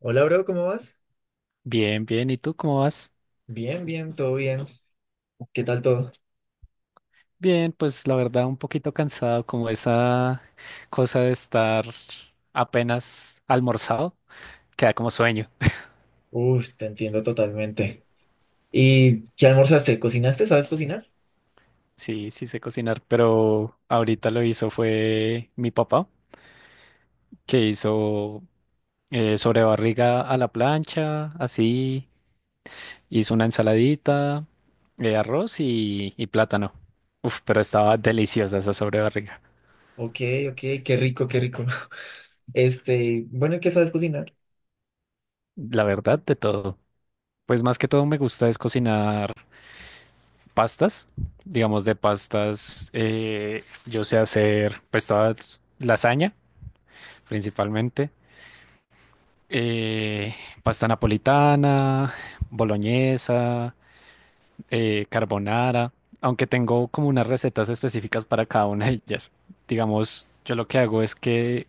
Hola, bro, ¿cómo vas? Bien, bien. ¿Y tú cómo vas? Bien, bien, todo bien. ¿Qué tal todo? Bien, pues la verdad un poquito cansado, como esa cosa de estar apenas almorzado, queda como sueño. Uf, te entiendo totalmente. ¿Y qué almorzaste? ¿Cocinaste? ¿Sabes cocinar? Sí, sí sé cocinar, pero ahorita lo hizo fue mi papá, que hizo sobrebarriga a la plancha, así, hizo una ensaladita, arroz y plátano. Uf, pero estaba deliciosa esa sobrebarriga. Ok, ok, qué rico, qué rico. Este, bueno, ¿qué sabes cocinar? La verdad, de todo. Pues más que todo me gusta es cocinar pastas, digamos de pastas, yo sé hacer pues todas lasaña principalmente, eh, pasta napolitana, boloñesa, carbonara, aunque tengo como unas recetas específicas para cada una de ellas. Digamos, yo lo que hago es que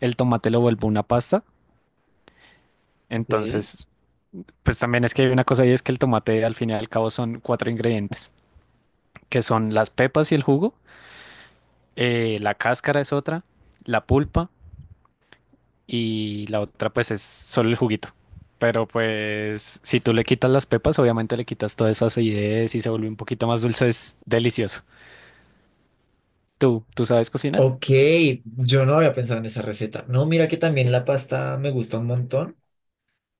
el tomate lo vuelvo una pasta, Ok. entonces pues también es que hay una cosa ahí es que el tomate al fin y al cabo son cuatro ingredientes, que son las pepas y el jugo la cáscara es otra, la pulpa y la otra pues es solo el juguito. Pero pues si tú le quitas las pepas, obviamente le quitas todas esas acidez y se vuelve un poquito más dulce, es delicioso. ¿Tú sabes cocinar? Ok, yo no había pensado en esa receta. No, mira que también la pasta me gusta un montón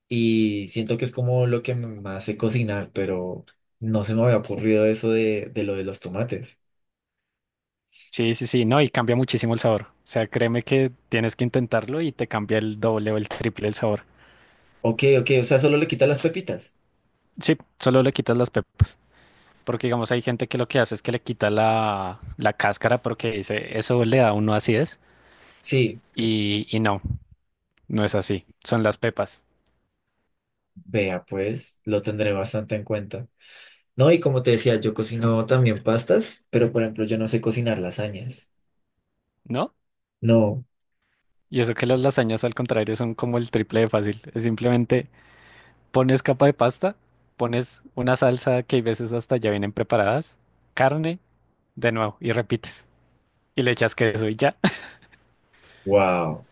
y siento que es como lo que me hace cocinar, pero no se me había ocurrido eso de lo de los tomates. Sí, sí, sí, no, y cambia muchísimo el sabor. O sea, créeme que tienes que intentarlo y te cambia el doble o el triple el sabor. Ok, ok, o sea, solo le quita las pepitas. Sí, solo le quitas las pepas. Porque digamos, hay gente que lo que hace es que le quita la cáscara porque dice, eso le da a uno acidez. Sí. Y no, no es así. Son las pepas. Vea, pues, lo tendré bastante en cuenta. No, y como te decía, yo cocino también pastas, pero por ejemplo, yo no sé cocinar lasañas. ¿No? No, Y eso que las lasañas al contrario son como el triple de fácil. Es simplemente pones capa de pasta, pones una salsa que hay veces hasta ya vienen preparadas, carne, de nuevo, y repites. Y le echas queso y ya. wow,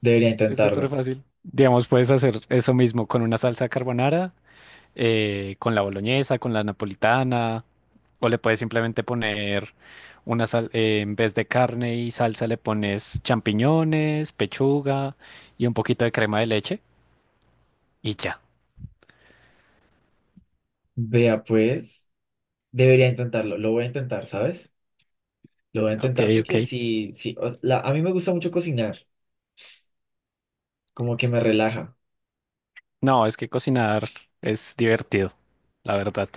debería Es súper intentarlo. fácil. Digamos, puedes hacer eso mismo con una salsa carbonara, con la boloñesa, con la napolitana, o le puedes simplemente poner una sal, en vez de carne y salsa le pones champiñones, pechuga y un poquito de crema de leche y ya. Vea, pues, debería intentarlo. Lo voy a intentar, ¿sabes? Lo voy a Ok, intentar ok. porque sí, sí, o- la- a mí me gusta mucho cocinar, como que me relaja. No, es que cocinar es divertido, la verdad.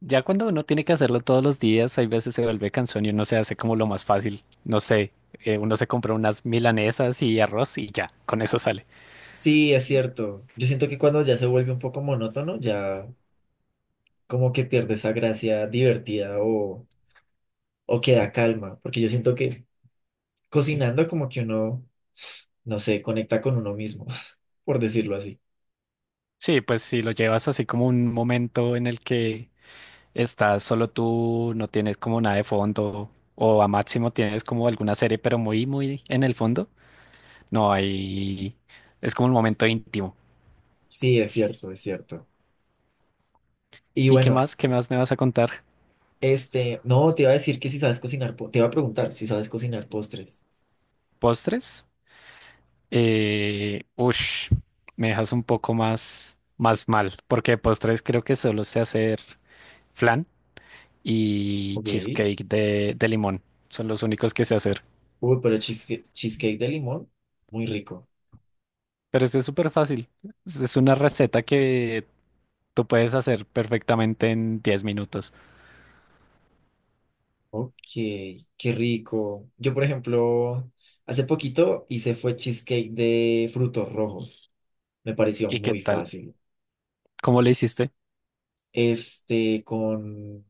Ya cuando uno tiene que hacerlo todos los días, hay veces se vuelve cansón y uno se hace como lo más fácil. No sé, uno se compra unas milanesas y arroz y ya, con eso sale. Sí, es cierto. Yo siento que cuando ya se vuelve un poco monótono, ya como que pierde esa gracia divertida o queda calma, porque yo siento que cocinando como que uno no sé, conecta con uno mismo, por decirlo así. Sí, pues si lo llevas así como un momento en el que estás solo tú, no tienes como nada de fondo, o a máximo tienes como alguna serie, pero muy, muy en el fondo, no hay... Es como un momento íntimo. Sí, es cierto, es cierto. Y ¿Y qué bueno, más? ¿Qué más me vas a contar? este, no, te iba a decir que si sabes cocinar, po- te iba a preguntar si sabes cocinar postres. ¿Postres? Eh, ush, Me dejas un poco más, más mal, porque de postres creo que solo sé hacer flan y Ok. cheesecake de limón. Son los únicos que sé hacer. Uy, pero cheesecake, cheesecake de limón, muy rico. Pero eso es súper fácil. Es una receta que tú puedes hacer perfectamente en 10 minutos. Ok, qué rico. Yo, por ejemplo, hace poquito hice fue cheesecake de frutos rojos. Me pareció ¿Y qué muy tal? fácil. ¿Cómo le hiciste? Este, con,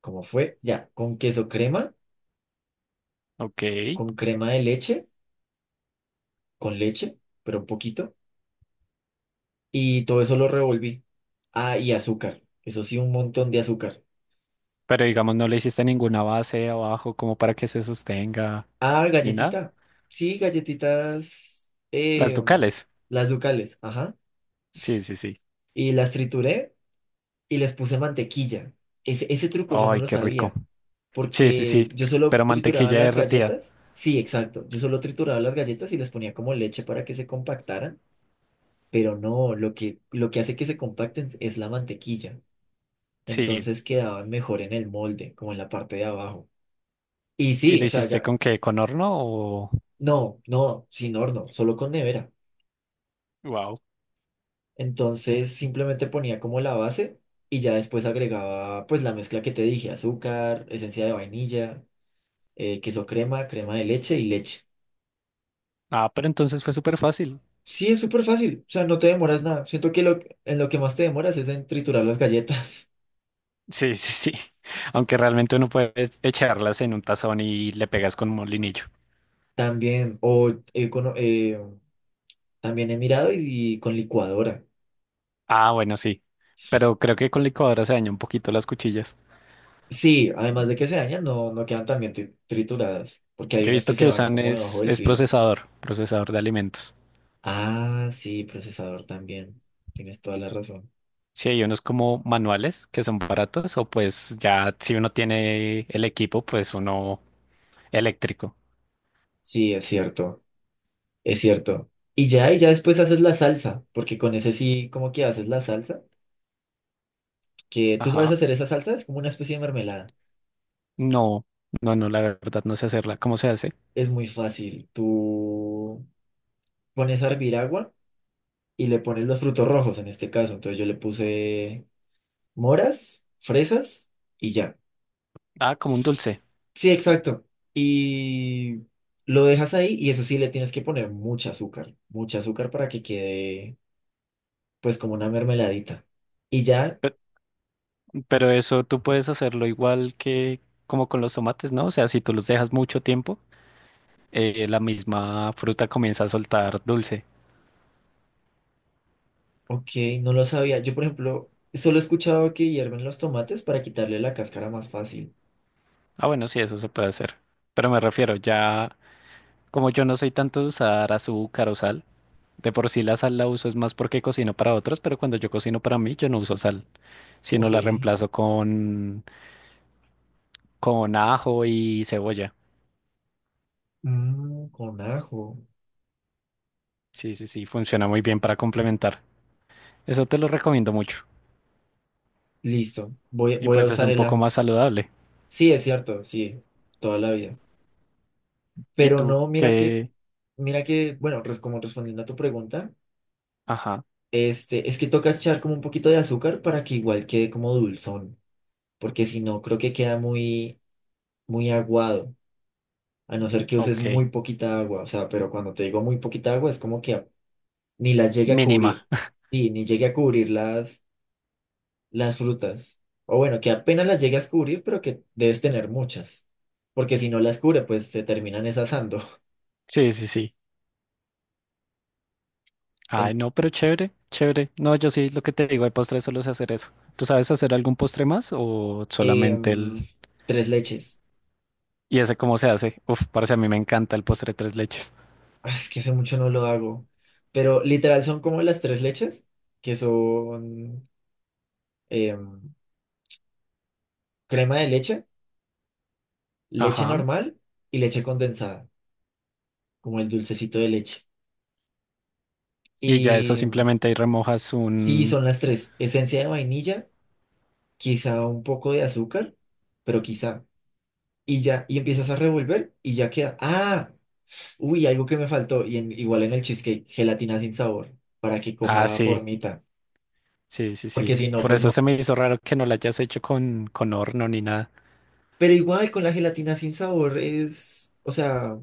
¿cómo fue? Ya, con queso crema, Ok. con crema de leche, con leche, pero un poquito y todo eso lo revolví. Ah, y azúcar, eso sí, un montón de azúcar. Pero digamos, no le hiciste ninguna base abajo como para que se sostenga Ah, ni nada. galletita, sí, galletitas, Las ducales. las ducales, ajá. Sí, sí, sí. Y las trituré y les puse mantequilla. Ese truco yo no Ay, lo qué rico. sabía, Sí, sí, porque sí, yo solo pero trituraba mantequilla las derretida. galletas. Sí, exacto. Yo solo trituraba las galletas y les ponía como leche para que se compactaran, pero no, lo que hace que se compacten es la mantequilla. Sí, Entonces quedaban mejor en el molde, como en la parte de abajo. Y ¿y sí, lo o sea, hiciste ya, con qué? ¿Con horno o...? no, no, sin horno, solo con nevera. Wow. Entonces simplemente ponía como la base y ya después agregaba pues la mezcla que te dije, azúcar, esencia de vainilla, queso crema, crema de leche y leche. Ah, pero entonces fue súper fácil. Sí, es súper fácil, o sea, no te demoras nada. Siento que lo, en lo que más te demoras es en triturar las galletas. Sí, sí, sí. Aunque realmente uno puede echarlas en un tazón y le pegas con un molinillo. También, o he cono- también he mirado y con licuadora. Ah, bueno, sí. Pero creo que con licuadora se daña un poquito las cuchillas. Sí, además de que se dañan, no, no quedan tan bien tri- trituradas, porque hay Yo he unas que visto se que van usan como debajo del es filo. procesador, procesador de alimentos. Ah, sí, procesador también. Tienes toda la razón. Sí, hay unos como manuales que son baratos o pues ya si uno tiene el equipo, pues uno eléctrico. Sí, es cierto, es cierto. Y ya después haces la salsa, porque con ese sí, como que haces la salsa, que tú sabes Ajá. hacer esa salsa, es como una especie de mermelada. No, no, no, la verdad no sé hacerla. ¿Cómo se hace? Es muy fácil. Tú pones a hervir agua y le pones los frutos rojos en este caso. Entonces yo le puse moras, fresas y ya. Ah, como un dulce. Sí, exacto. Y lo dejas ahí y eso sí le tienes que poner mucha azúcar para que quede pues como una mermeladita. Y ya, Pero eso tú puedes hacerlo igual que como con los tomates, ¿no? O sea, si tú los dejas mucho tiempo, la misma fruta comienza a soltar dulce. ok, no lo sabía. Yo, por ejemplo, solo he escuchado que hierven los tomates para quitarle la cáscara más fácil. Ah, bueno, sí, eso se puede hacer. Pero me refiero, ya como yo no soy tanto de usar azúcar o sal, de por sí la sal la uso es más porque cocino para otros, pero cuando yo cocino para mí, yo no uso sal, sino Ok, la reemplazo con ajo y cebolla. mm, con ajo. Sí, sí, sí, funciona muy bien para complementar. Eso te lo recomiendo mucho. Listo, voy, Y voy a pues es usar un el poco más ajo. saludable. Sí, es cierto, sí, toda la vida. ¿Y Pero tú? no, mira que, ¿Qué? mira que, bueno, res- como respondiendo a tu pregunta, Ajá, este, es que toca echar como un poquito de azúcar para que igual quede como dulzón, porque si no, creo que queda muy, muy aguado. A no ser que uses ok. muy poquita agua, o sea, pero cuando te digo muy poquita agua es como que a- ni las llegue a Mínima. cubrir, sí, ni llegue a cubrir las frutas, o bueno, que apenas las llegue a cubrir, pero que debes tener muchas, porque si no las cubre, pues se terminan es asando. Sí, sí, sí. Ay, En- no, pero chévere, chévere. No, yo sí, lo que te digo, de postre solo sé hacer eso. ¿Tú sabes hacer algún postre más o solamente el... em, tres leches. ¿Y ese cómo se hace? Uf, parce, a mí me encanta el postre tres leches. Ah, es que hace mucho no lo hago, pero literal son como las tres leches, que son em, crema de leche, leche Ajá. normal y leche condensada, como el dulcecito de leche. Y ya eso Y simplemente ahí remojas sí, un... son las tres. Esencia de vainilla, quizá un poco de azúcar, pero quizá. Y ya, y empiezas a revolver y ya queda. Ah, uy, algo que me faltó. Y en- igual en el cheesecake, gelatina sin sabor, para que Ah, coja sí, formita. sí, sí, Porque sí. si no, Por pues eso no. se me hizo raro que no lo hayas hecho con horno ni nada. Pero igual con la gelatina sin sabor es, o sea,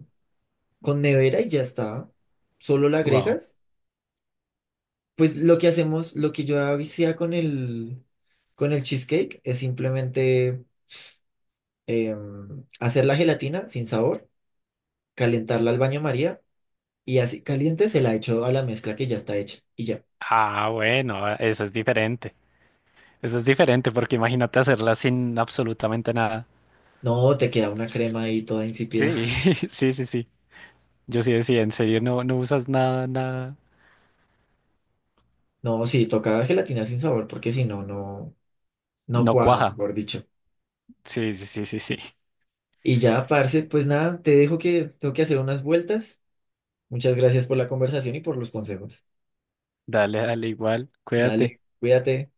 con nevera y ya está. Solo la Wow. agregas. Pues lo que hacemos, lo que yo hacía con el cheesecake es simplemente hacer la gelatina sin sabor, calentarla al baño María y así caliente se la echo a la mezcla que ya está hecha y ya. Ah, bueno, eso es diferente. Eso es diferente porque imagínate hacerla sin absolutamente nada. No, te queda una crema ahí toda insípida. Sí, sí, sí, sí. Yo sí decía, en serio, no, no usas nada, nada. No, sí, toca gelatina sin sabor porque si no, no, no No cuaja, cuaja. mejor dicho. Sí, sí, sí, sí, sí. Y ya, parce, pues nada, te dejo que tengo que hacer unas vueltas. Muchas gracias por la conversación y por los consejos. Dale, dale, igual. Cuídate. Dale, cuídate.